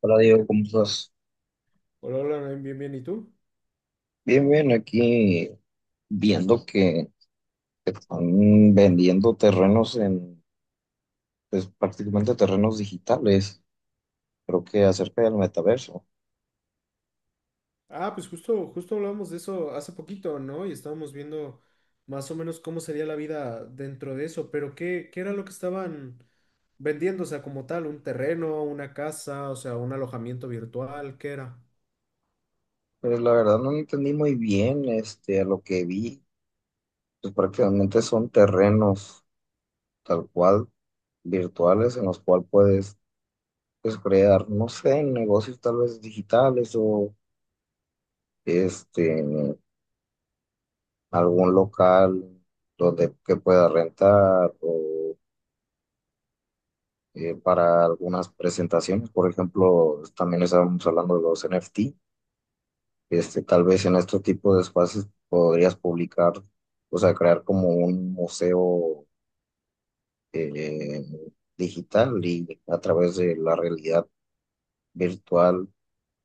Hola Diego, ¿cómo estás? Hola, hola, Naim, bien, bien, ¿y tú? Bien, bien, aquí viendo que están vendiendo terrenos en, pues prácticamente terrenos digitales, creo que acerca del metaverso. Ah, pues justo, justo hablamos de eso hace poquito, ¿no? Y estábamos viendo más o menos cómo sería la vida dentro de eso, pero ¿qué era lo que estaban vendiendo? O sea, como tal, un terreno, una casa, o sea, un alojamiento virtual, ¿qué era? Pues la verdad no entendí muy bien, este, a lo que vi, pues prácticamente son terrenos tal cual virtuales en los cuales puedes, pues, crear, no sé, negocios tal vez digitales o este, algún local donde que pueda rentar o para algunas presentaciones. Por ejemplo, también estábamos hablando de los NFT. Este, tal vez en este tipo de espacios podrías publicar, o sea, crear como un museo eh, digital y a través de la realidad virtual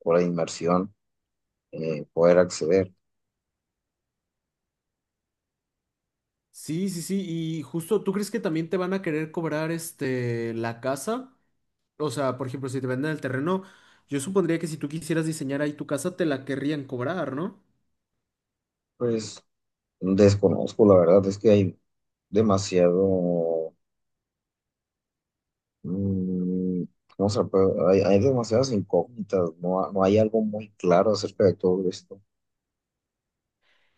o la inmersión, poder acceder. Sí, sí, sí, y justo, ¿tú crees que también te van a querer cobrar este la casa? O sea, por ejemplo, si te venden el terreno, yo supondría que si tú quisieras diseñar ahí tu casa, te la querrían cobrar, ¿no? Pues desconozco, la verdad es que hay demasiado. Mm, no sé, pero hay demasiadas incógnitas, no, no hay algo muy claro acerca de todo esto.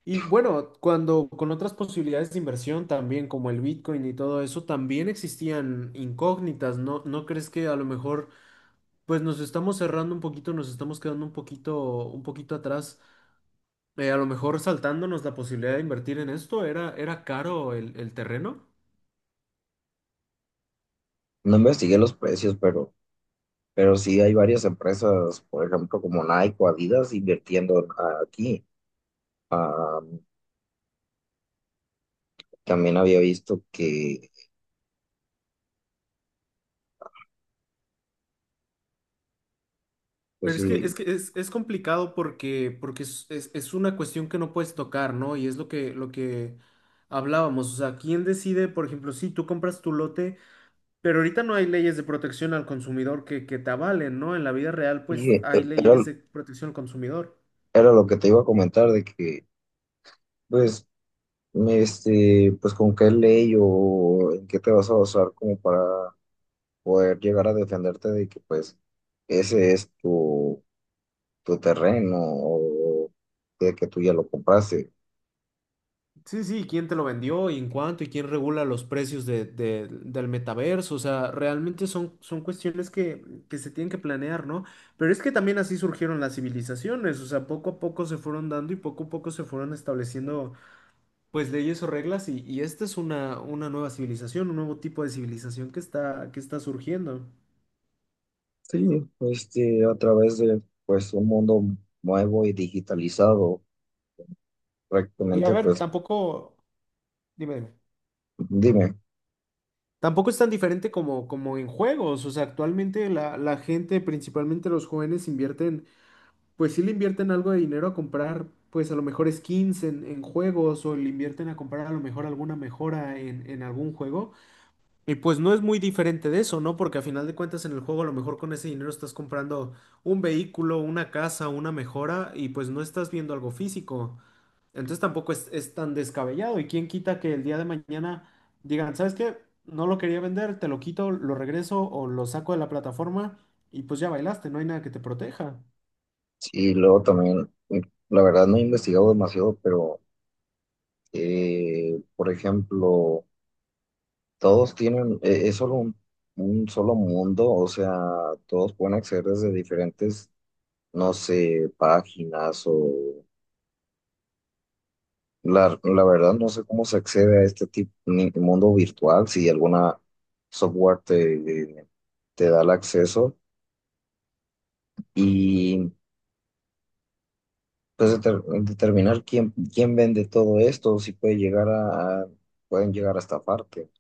Y bueno, cuando con otras posibilidades de inversión también, como el Bitcoin y todo eso, también existían incógnitas, ¿no? ¿No crees que a lo mejor pues nos estamos cerrando un poquito, nos estamos quedando un poquito atrás? A lo mejor saltándonos la posibilidad de invertir en esto, era caro el terreno. No investigué los precios, pero sí hay varias empresas, por ejemplo, como Nike o Adidas invirtiendo aquí. Ah, también había visto que, pues Pero sí, es que es que es complicado porque, porque es una cuestión que no puedes tocar, ¿no? Y es lo que hablábamos. O sea, ¿quién decide, por ejemplo, si tú compras tu lote? Pero ahorita no hay leyes de protección al consumidor que te avalen, ¿no? En la vida real, sí, pues hay era, leyes de protección al consumidor. era lo que te iba a comentar, de que, pues, este, pues con qué ley o en qué te vas a basar como para poder llegar a defenderte de que, pues, ese es tu terreno o de que tú ya lo compraste. Sí, sí, ¿quién te lo vendió y en cuánto y quién regula los precios del metaverso? O sea, realmente son, son cuestiones que se tienen que planear, ¿no? Pero es que también así surgieron las civilizaciones, o sea, poco a poco se fueron dando y poco a poco se fueron estableciendo pues leyes o reglas y esta es una nueva civilización, un nuevo tipo de civilización que está surgiendo. Sí, este, a través de pues un mundo nuevo y digitalizado, Y a prácticamente, ver, pues tampoco, dime, dime. dime. Tampoco es tan diferente como, como en juegos, o sea, actualmente la gente, principalmente los jóvenes, invierten, pues sí le invierten algo de dinero a comprar, pues a lo mejor skins en juegos o le invierten a comprar a lo mejor alguna mejora en algún juego. Y pues no es muy diferente de eso, ¿no? Porque a final de cuentas en el juego a lo mejor con ese dinero estás comprando un vehículo, una casa, una mejora y pues no estás viendo algo físico. Entonces tampoco es tan descabellado. ¿Y quién quita que el día de mañana digan, ¿sabes qué? No lo quería vender, te lo quito, lo regreso o lo saco de la plataforma y pues ya bailaste, no hay nada que te proteja. Y luego también, la verdad no he investigado demasiado, pero por ejemplo, todos tienen, es solo un solo mundo, o sea, todos pueden acceder desde diferentes, no sé, páginas o la verdad no sé cómo se accede a este tipo, mundo virtual, si alguna software te, te da el acceso. Y pues determinar quién, quién vende todo esto, si puede llegar pueden llegar a estafarte.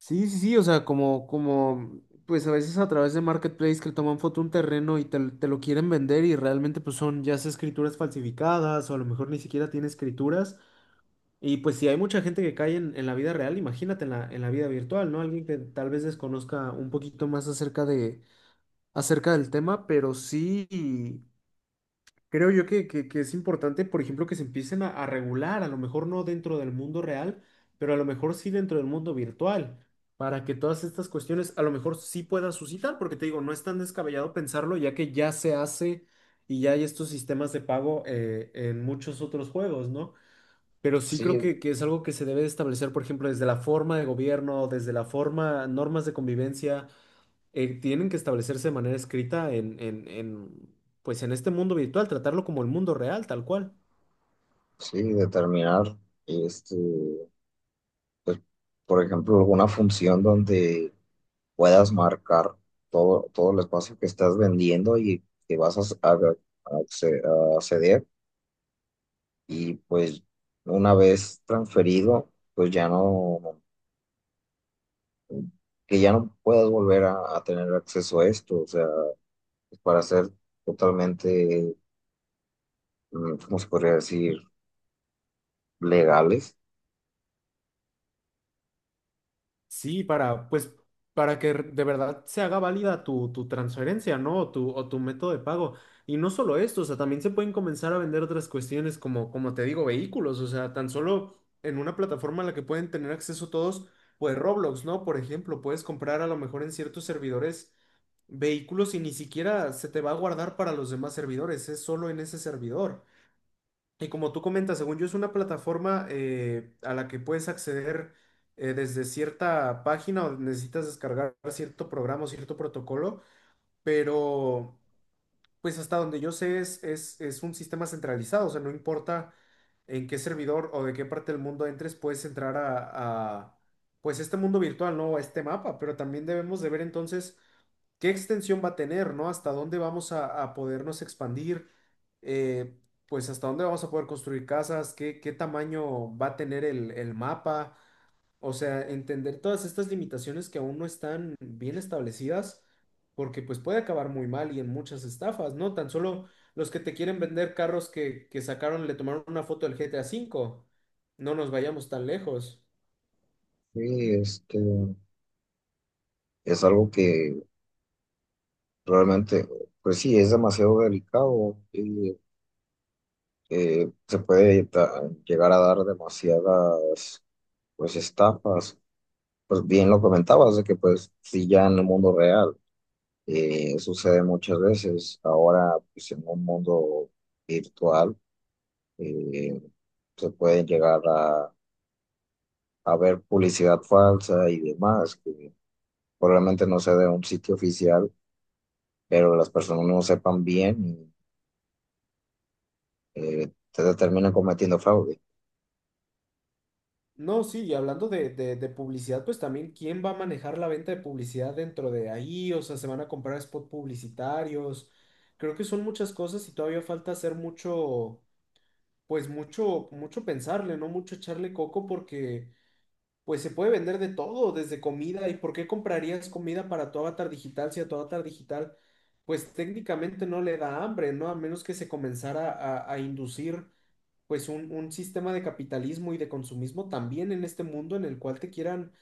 Sí, sí, sí, o sea, como, como, pues a veces a través de marketplace que toman foto un terreno y te lo quieren vender y realmente pues son ya sea escrituras falsificadas o a lo mejor ni siquiera tiene escrituras. Y pues si hay mucha gente que cae en la vida real, imagínate en en la vida virtual, ¿no? Alguien que tal vez desconozca un poquito más acerca de, acerca del tema, pero sí creo yo que es importante, por ejemplo, que se empiecen a regular, a lo mejor no dentro del mundo real, pero a lo mejor sí dentro del mundo virtual, para que todas estas cuestiones a lo mejor sí puedan suscitar, porque te digo, no es tan descabellado pensarlo, ya que ya se hace y ya hay estos sistemas de pago en muchos otros juegos, ¿no? Pero sí creo Sí, que es algo que se debe de establecer, por ejemplo, desde la forma de gobierno, desde la forma, normas de convivencia tienen que establecerse de manera escrita pues en este mundo virtual, tratarlo como el mundo real, tal cual. sí, determinar, este, pues, por ejemplo, alguna función donde puedas marcar todo, todo el espacio que estás vendiendo y que vas a acceder. Y pues una vez transferido, pues ya no, que ya no puedas volver a tener acceso a esto, o sea, para ser totalmente, ¿cómo se podría decir?, legales. Sí, para, pues, para que de verdad se haga válida tu, tu transferencia, ¿no? O tu método de pago. Y no solo esto, o sea, también se pueden comenzar a vender otras cuestiones como, como te digo, vehículos, o sea, tan solo en una plataforma a la que pueden tener acceso todos, pues Roblox, ¿no? Por ejemplo, puedes comprar a lo mejor en ciertos servidores vehículos y ni siquiera se te va a guardar para los demás servidores, es solo en ese servidor. Y como tú comentas, según yo es una plataforma a la que puedes acceder desde cierta página o necesitas descargar cierto programa o cierto protocolo, pero pues hasta donde yo sé es un sistema centralizado, o sea, no importa en qué servidor o de qué parte del mundo entres, puedes entrar pues este mundo virtual, ¿no? A este mapa, pero también debemos de ver entonces qué extensión va a tener, ¿no? Hasta dónde vamos a podernos expandir, eh, pues hasta dónde vamos a poder construir casas, qué tamaño va a tener el mapa, o sea, entender todas estas limitaciones que aún no están bien establecidas, porque pues puede acabar muy mal y en muchas estafas, ¿no? Tan solo los que te quieren vender carros que sacaron, le tomaron una foto del GTA 5, no nos vayamos tan lejos. Sí, este, es algo que realmente, pues sí, es demasiado delicado y se puede llegar a dar demasiadas, pues, estafas. Pues bien lo comentabas, de que pues sí, ya en el mundo real. Sucede muchas veces. Ahora, pues, en un mundo virtual, eh, se pueden llegar a ver publicidad falsa y demás, que probablemente no sea de un sitio oficial, pero las personas no sepan bien y te terminan cometiendo fraude. No, sí, y hablando de publicidad, pues también, ¿quién va a manejar la venta de publicidad dentro de ahí? O sea, se van a comprar spot publicitarios. Creo que son muchas cosas y todavía falta hacer mucho, pues mucho, mucho pensarle, ¿no? Mucho echarle coco porque, pues se puede vender de todo, desde comida. ¿Y por qué comprarías comida para tu avatar digital si a tu avatar digital, pues técnicamente no le da hambre, ¿no? A menos que se comenzara a inducir pues un sistema de capitalismo y de consumismo también en este mundo en el cual te quieran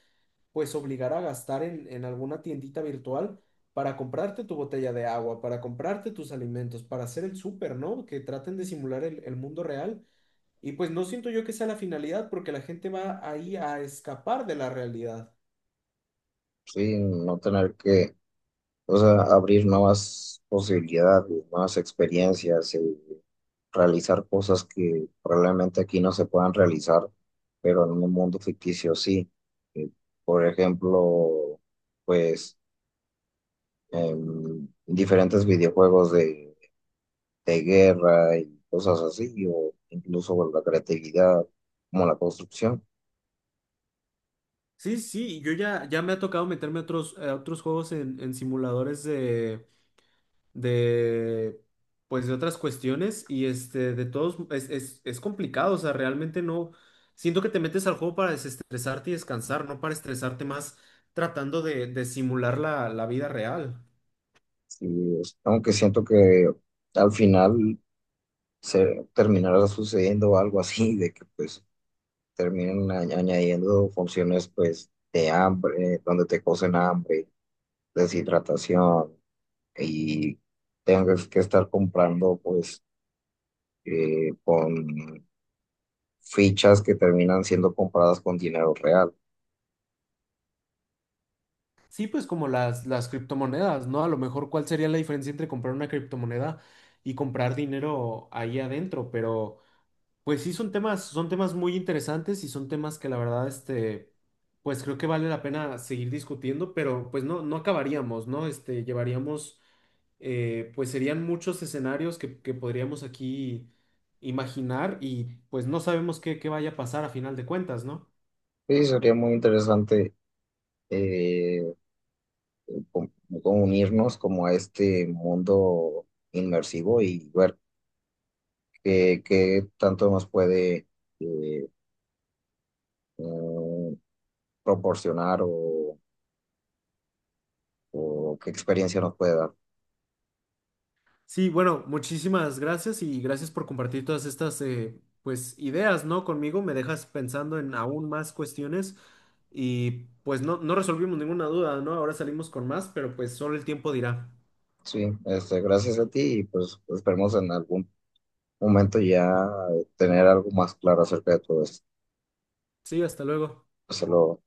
pues obligar a gastar en alguna tiendita virtual para comprarte tu botella de agua, para comprarte tus alimentos, para hacer el súper, ¿no? Que traten de simular el mundo real. Y pues no siento yo que sea la finalidad porque la gente va ahí a escapar de la realidad. Sí, no tener que, o sea, abrir nuevas posibilidades, nuevas experiencias. Realizar cosas que probablemente aquí no se puedan realizar, pero en un mundo ficticio sí. Eh, por ejemplo, pues diferentes videojuegos de guerra y cosas así, o incluso bueno, la creatividad como la construcción. Sí, sí, yo ya, ya me ha tocado meterme a otros juegos en simuladores de pues de otras cuestiones y este de todos es complicado, o sea, realmente no siento que te metes al juego para desestresarte y descansar, no para estresarte más tratando de simular la vida real. Sí, aunque siento que al final se terminará sucediendo algo así, de que pues terminen añadiendo funciones pues de hambre, donde te cocen hambre, deshidratación, y tengas que estar comprando pues con fichas que terminan siendo compradas con dinero real. Sí, pues como las criptomonedas, ¿no? A lo mejor cuál sería la diferencia entre comprar una criptomoneda y comprar dinero ahí adentro, pero pues sí, son temas muy interesantes y son temas que la verdad, este, pues creo que vale la pena seguir discutiendo, pero pues no, no acabaríamos, ¿no? Este, llevaríamos, pues serían muchos escenarios que podríamos aquí imaginar y pues no sabemos qué, qué vaya a pasar a final de cuentas, ¿no? Sí, sería muy interesante eh, com- como unirnos como a este mundo inmersivo y ver qué, qué tanto nos puede eh, mm, proporcionar o qué experiencia nos puede dar. Sí, bueno, muchísimas gracias y gracias por compartir todas estas pues ideas, ¿no? Conmigo me dejas pensando en aún más cuestiones y pues no, no resolvimos ninguna duda, ¿no? Ahora salimos con más, pero pues solo el tiempo dirá. Sí, este, gracias a ti y pues esperemos en algún momento ya tener algo más claro acerca de todo esto. Sí, hasta luego. Solo